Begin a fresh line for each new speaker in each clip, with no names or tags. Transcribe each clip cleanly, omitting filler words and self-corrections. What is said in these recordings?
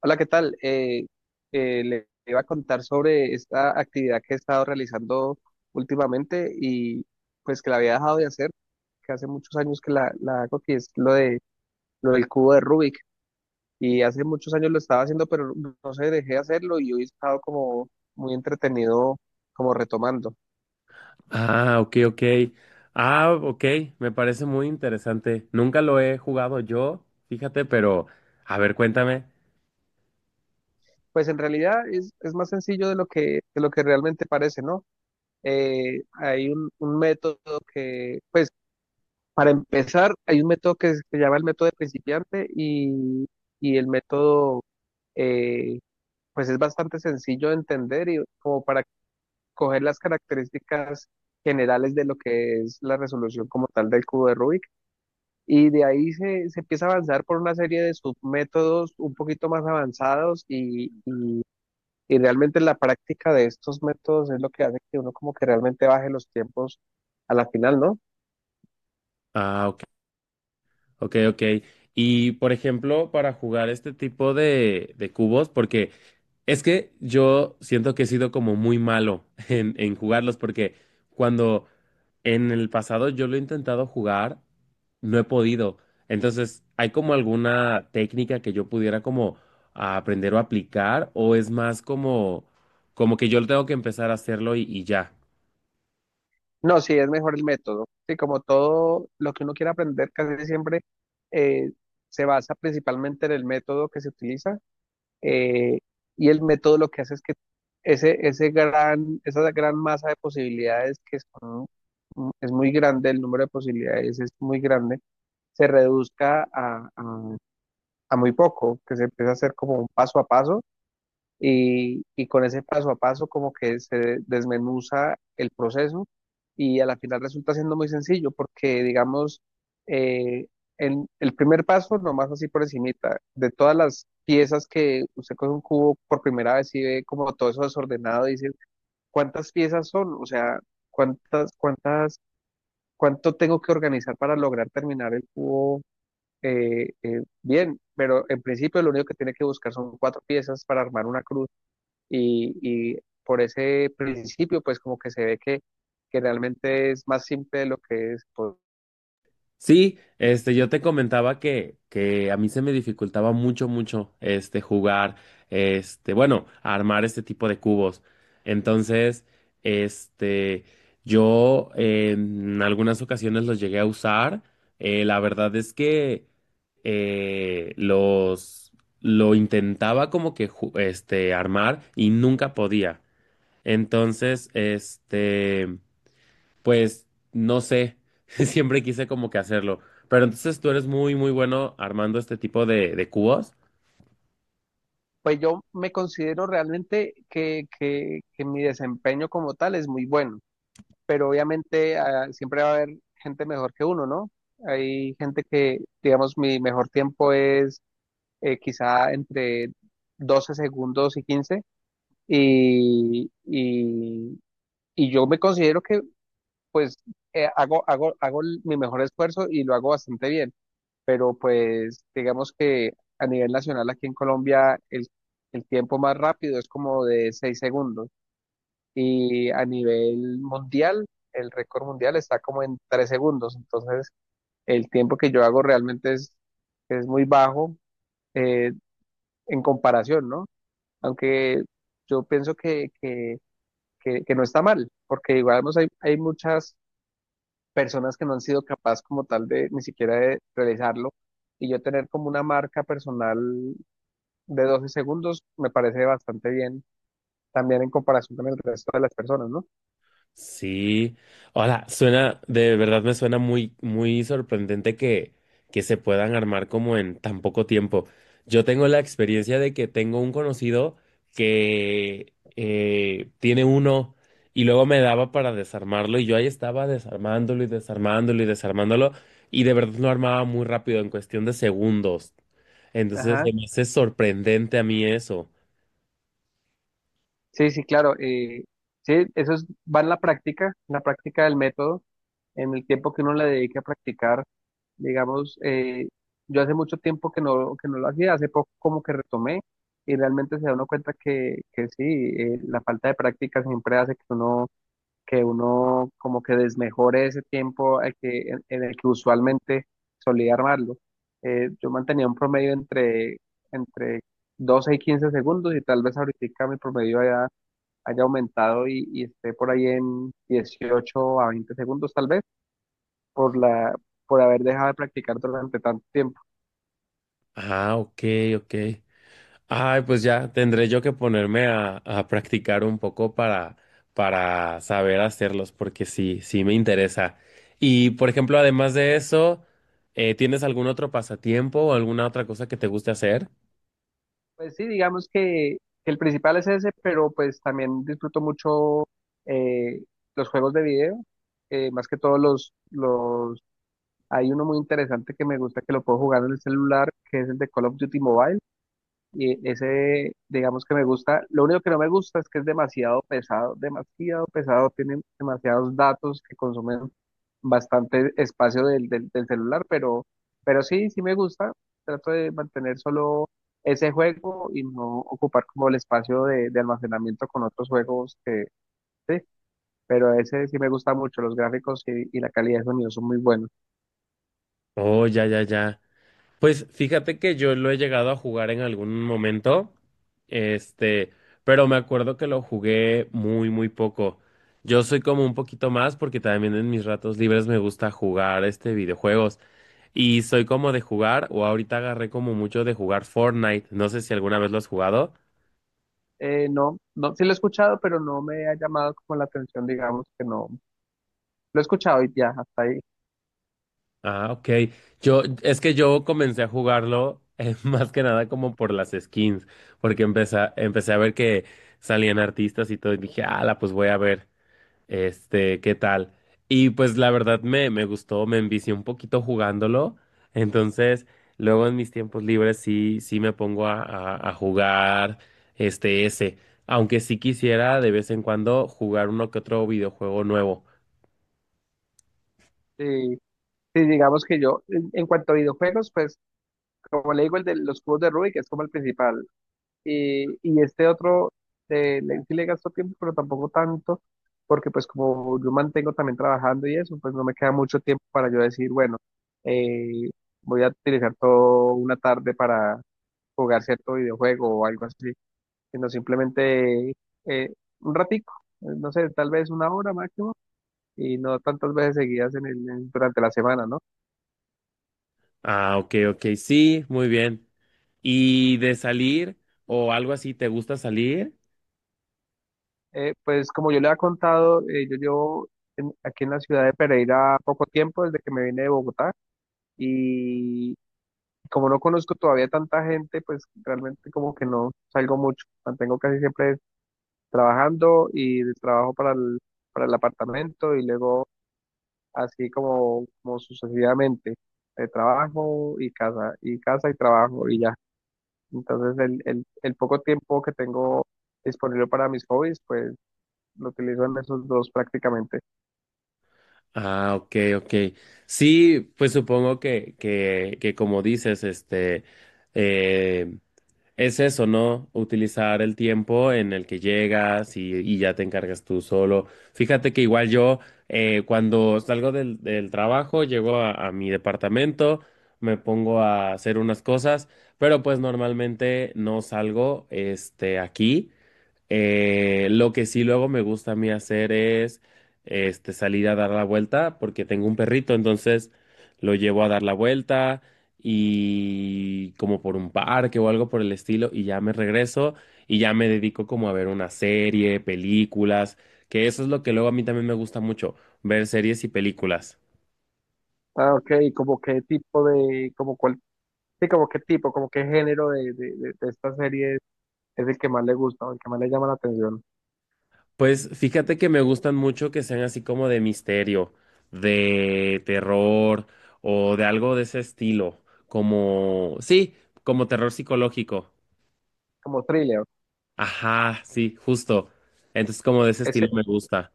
Hola, ¿qué tal? Le iba a contar sobre esta actividad que he estado realizando últimamente y pues que la había dejado de hacer, que hace muchos años que la hago, que es lo del cubo de Rubik. Y hace muchos años lo estaba haciendo, pero no sé, dejé de hacerlo y hoy he estado como muy entretenido como retomando.
Ah, ok, ok. Ah, ok, me parece muy interesante. Nunca lo he jugado yo, fíjate, pero a ver, cuéntame.
Pues en realidad es más sencillo de lo que realmente parece, ¿no? Hay un método que, pues Para empezar, hay un método que se llama el método de principiante y el método, eh, pues es bastante sencillo de entender y como para coger las características generales de lo que es la resolución como tal del cubo de Rubik. Y de ahí se empieza a avanzar por una serie de submétodos un poquito más avanzados y realmente la práctica de estos métodos es lo que hace que uno como que realmente baje los tiempos a la final, ¿no?
Ah, Ok, ok. Y por ejemplo, para jugar este tipo de cubos, porque es que yo siento que he sido como muy malo en jugarlos, porque cuando en el pasado yo lo he intentado jugar, no he podido. Entonces, ¿hay como alguna técnica que yo pudiera como aprender o aplicar? ¿O es más como, como que yo tengo que empezar a hacerlo y ya?
No, sí, es mejor el método. Sí, como todo lo que uno quiere aprender, casi siempre eh, se basa principalmente en el método que se utiliza. eh, y el método lo que hace es que esa gran masa de posibilidades que son, mm, es muy grande, el número de posibilidades es muy grande, se reduzca a muy poco, que se empiece a hacer como un paso a paso y con ese paso a paso como que se desmenuza el proceso y a la final resulta siendo muy sencillo porque digamos eh, en el primer paso nomás así por encimita de todas las piezas que usted coge un cubo por primera vez y ve como todo eso desordenado dice cuántas piezas son, o sea, cuántas cuántas cuánto tengo que organizar para lograr terminar el cubo. Bien, pero en principio lo único que tiene que buscar son cuatro piezas para armar una cruz y por ese principio, pues como que se ve que realmente es más simple de lo que es. Pues,
Sí, este, yo te comentaba que a mí se me dificultaba mucho, mucho, este, jugar, este, bueno, armar este tipo de cubos. Entonces, este, yo en algunas ocasiones los llegué a usar. La verdad es que eh, los, lo intentaba como que, este, armar y nunca podía. Entonces, este. Pues no sé, siempre quise como que hacerlo. Pero entonces tú eres muy, muy bueno armando este tipo de cubos.
pues yo me considero realmente que mi desempeño como tal es muy bueno, pero obviamente, siempre va a haber gente mejor que uno, ¿no? Hay gente que, digamos, mi mejor tiempo es, quizá entre 12 segundos y 15, y, y, y yo me considero que pues mi mejor esfuerzo y lo hago bastante bien, pero pues digamos que a nivel nacional aquí en Colombia el tiempo más rápido es como de 6 segundos, y a nivel mundial el récord mundial está como en 3 segundos. Entonces el tiempo que yo hago realmente es muy bajo eh, en comparación, ¿no? Aunque yo pienso que no está mal, porque digamos, hay muchas personas que no han sido capaces como tal de ni siquiera de realizarlo, y yo tener como una marca personal de 12 segundos me parece bastante bien también en comparación con el resto de las personas, ¿no?
Sí. Hola, suena, de verdad me suena muy, muy sorprendente que se puedan armar como en tan poco tiempo. Yo tengo la experiencia de que tengo un conocido que tiene uno y luego me daba para desarmarlo y yo ahí estaba desarmándolo y desarmándolo y desarmándolo y de verdad lo armaba muy rápido en cuestión de segundos. Entonces,
Ajá.
se me hace sorprendente a mí eso.
Sí, sí, claro. Sí, va en la práctica del método, en el tiempo que uno le dedique a practicar. Digamos, yo hace mucho tiempo que no lo hacía, hace poco como que retomé, y realmente se da uno cuenta que sí, la falta de práctica siempre hace que uno como que desmejore ese tiempo en el que usualmente solía armarlo. Yo mantenía un promedio entre 12 y 15 segundos, y tal vez ahorita mi promedio haya aumentado y esté por ahí en 18 a 20 segundos tal vez, por la, por haber dejado de practicar durante tanto tiempo.
Ah, ok, ok. Ay, pues ya tendré yo que ponerme a practicar un poco para saber hacerlos, porque sí, sí me interesa. Y, por ejemplo, además de eso, ¿tienes algún otro pasatiempo o alguna otra cosa que te guste hacer?
Pues sí, digamos que el principal es ese, pero pues también disfruto mucho, eh, los juegos de video. Más que todos los Hay uno muy interesante que me gusta que lo puedo jugar en el celular, que es el de Call of Duty Mobile. Y ese, digamos que me gusta. Lo único que no me gusta es que es demasiado pesado, demasiado pesado. Tiene demasiados datos que consumen bastante espacio del celular, pero sí, sí me gusta. Trato de mantener solo ese juego y no ocupar como el espacio de almacenamiento con otros juegos sí, pero ese sí me gusta mucho. Los gráficos y la calidad de sonido son muy buenos.
Oh, ya, ya, ya. Pues fíjate que yo lo he llegado a jugar en algún momento, este, pero me acuerdo que lo jugué muy, muy poco. Yo soy como un poquito más porque también en mis ratos libres me gusta jugar este videojuegos y soy como de jugar o ahorita agarré como mucho de jugar Fortnite. No sé si alguna vez lo has jugado.
No, no, sí lo he escuchado, pero no me ha llamado como la atención, digamos que no. Lo he escuchado y ya, hasta ahí.
Ah, ok. Yo, es que yo comencé a jugarlo más que nada como por las skins, porque empecé a ver que salían artistas y todo y dije, ala, pues voy a ver. Este, ¿qué tal? Y pues la verdad me, me gustó, me envicié un poquito jugándolo. Entonces, luego en mis tiempos libres sí, sí me pongo a, a jugar este ese. Aunque sí quisiera de vez en cuando jugar uno que otro videojuego nuevo.
Sí, sí, digamos que yo, en cuanto a videojuegos, pues, como le digo, el de los cubos de Rubik es como el principal. Y este otro, sí le gasto tiempo, pero tampoco tanto, porque pues como yo mantengo también trabajando y eso, pues no me queda mucho tiempo para yo decir, bueno, eh, voy a utilizar toda una tarde para jugar cierto videojuego o algo así, sino simplemente eh, un ratico, no sé, tal vez una hora máximo, y no tantas veces seguidas durante la semana, ¿no?
Ah, ok, ok, sí, muy bien. ¿Y de salir o algo así, te gusta salir?
Pues como yo le había contado, yo llevo aquí en la ciudad de Pereira poco tiempo desde que me vine de Bogotá, y como no conozco todavía tanta gente, pues realmente como que no salgo mucho, mantengo casi siempre trabajando y de trabajo para para el apartamento, y luego así como sucesivamente, de trabajo y casa, y casa y trabajo y ya. Entonces el poco tiempo que tengo disponible para mis hobbies, pues lo utilizo en esos dos prácticamente.
Ah, ok, ok. Sí, pues supongo que como dices, este. em, Es eso, ¿no? Utilizar el tiempo en el que llegas y ya te encargas tú solo. Fíjate que igual yo, cuando salgo del trabajo, llego a mi departamento, me pongo a hacer unas cosas, pero pues normalmente no salgo, este, aquí. Lo que sí luego me gusta a mí hacer es este, salir a dar la vuelta porque tengo un perrito, entonces lo llevo a dar la vuelta y como por un parque o algo por el estilo y ya me regreso y ya me dedico como a ver una serie, películas, que eso es lo que luego a mí también me gusta mucho, ver series y películas.
Ah, ok, ¿y como qué tipo como cuál, sí, como qué tipo, como qué género de esta serie es el que más le gusta o el que más le llama la atención?
Pues fíjate que me gustan mucho que sean así como de misterio, de terror o de algo de ese estilo, como, sí, como terror psicológico.
Como thriller.
Ajá, sí, justo. Entonces como de ese estilo
Ese,
me gusta.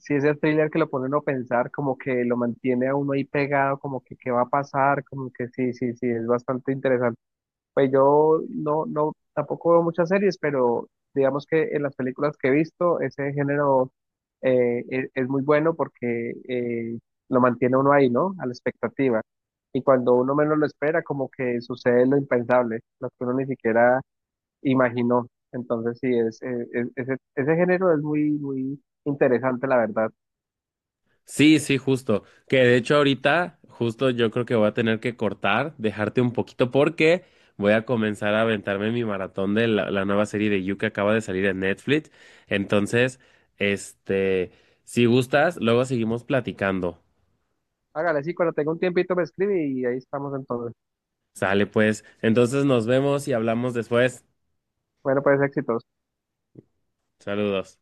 si ese thriller que lo pone uno a pensar, como que lo mantiene a uno ahí pegado, como que qué va a pasar, como que sí, sí, sí, es bastante interesante. Pues yo no, no, tampoco veo muchas series, pero digamos que en las películas que he visto, ese género es muy bueno porque lo mantiene uno ahí, ¿no? A la expectativa. Y cuando uno menos lo espera, como que sucede lo impensable, lo que uno ni siquiera imaginó. Entonces, sí, ese género es muy, muy interesante, la verdad.
Sí, sí, justo. Que de hecho ahorita, justo yo creo que voy a tener que cortar, dejarte un poquito porque voy a comenzar a aventarme mi maratón de la nueva serie de You que acaba de salir en Netflix. Entonces, este, si gustas, luego seguimos platicando.
Hágale, sí, cuando tenga un tiempito me escribe y ahí estamos entonces.
Sale pues. Entonces nos vemos y hablamos después.
Bueno, pues éxitos.
Saludos.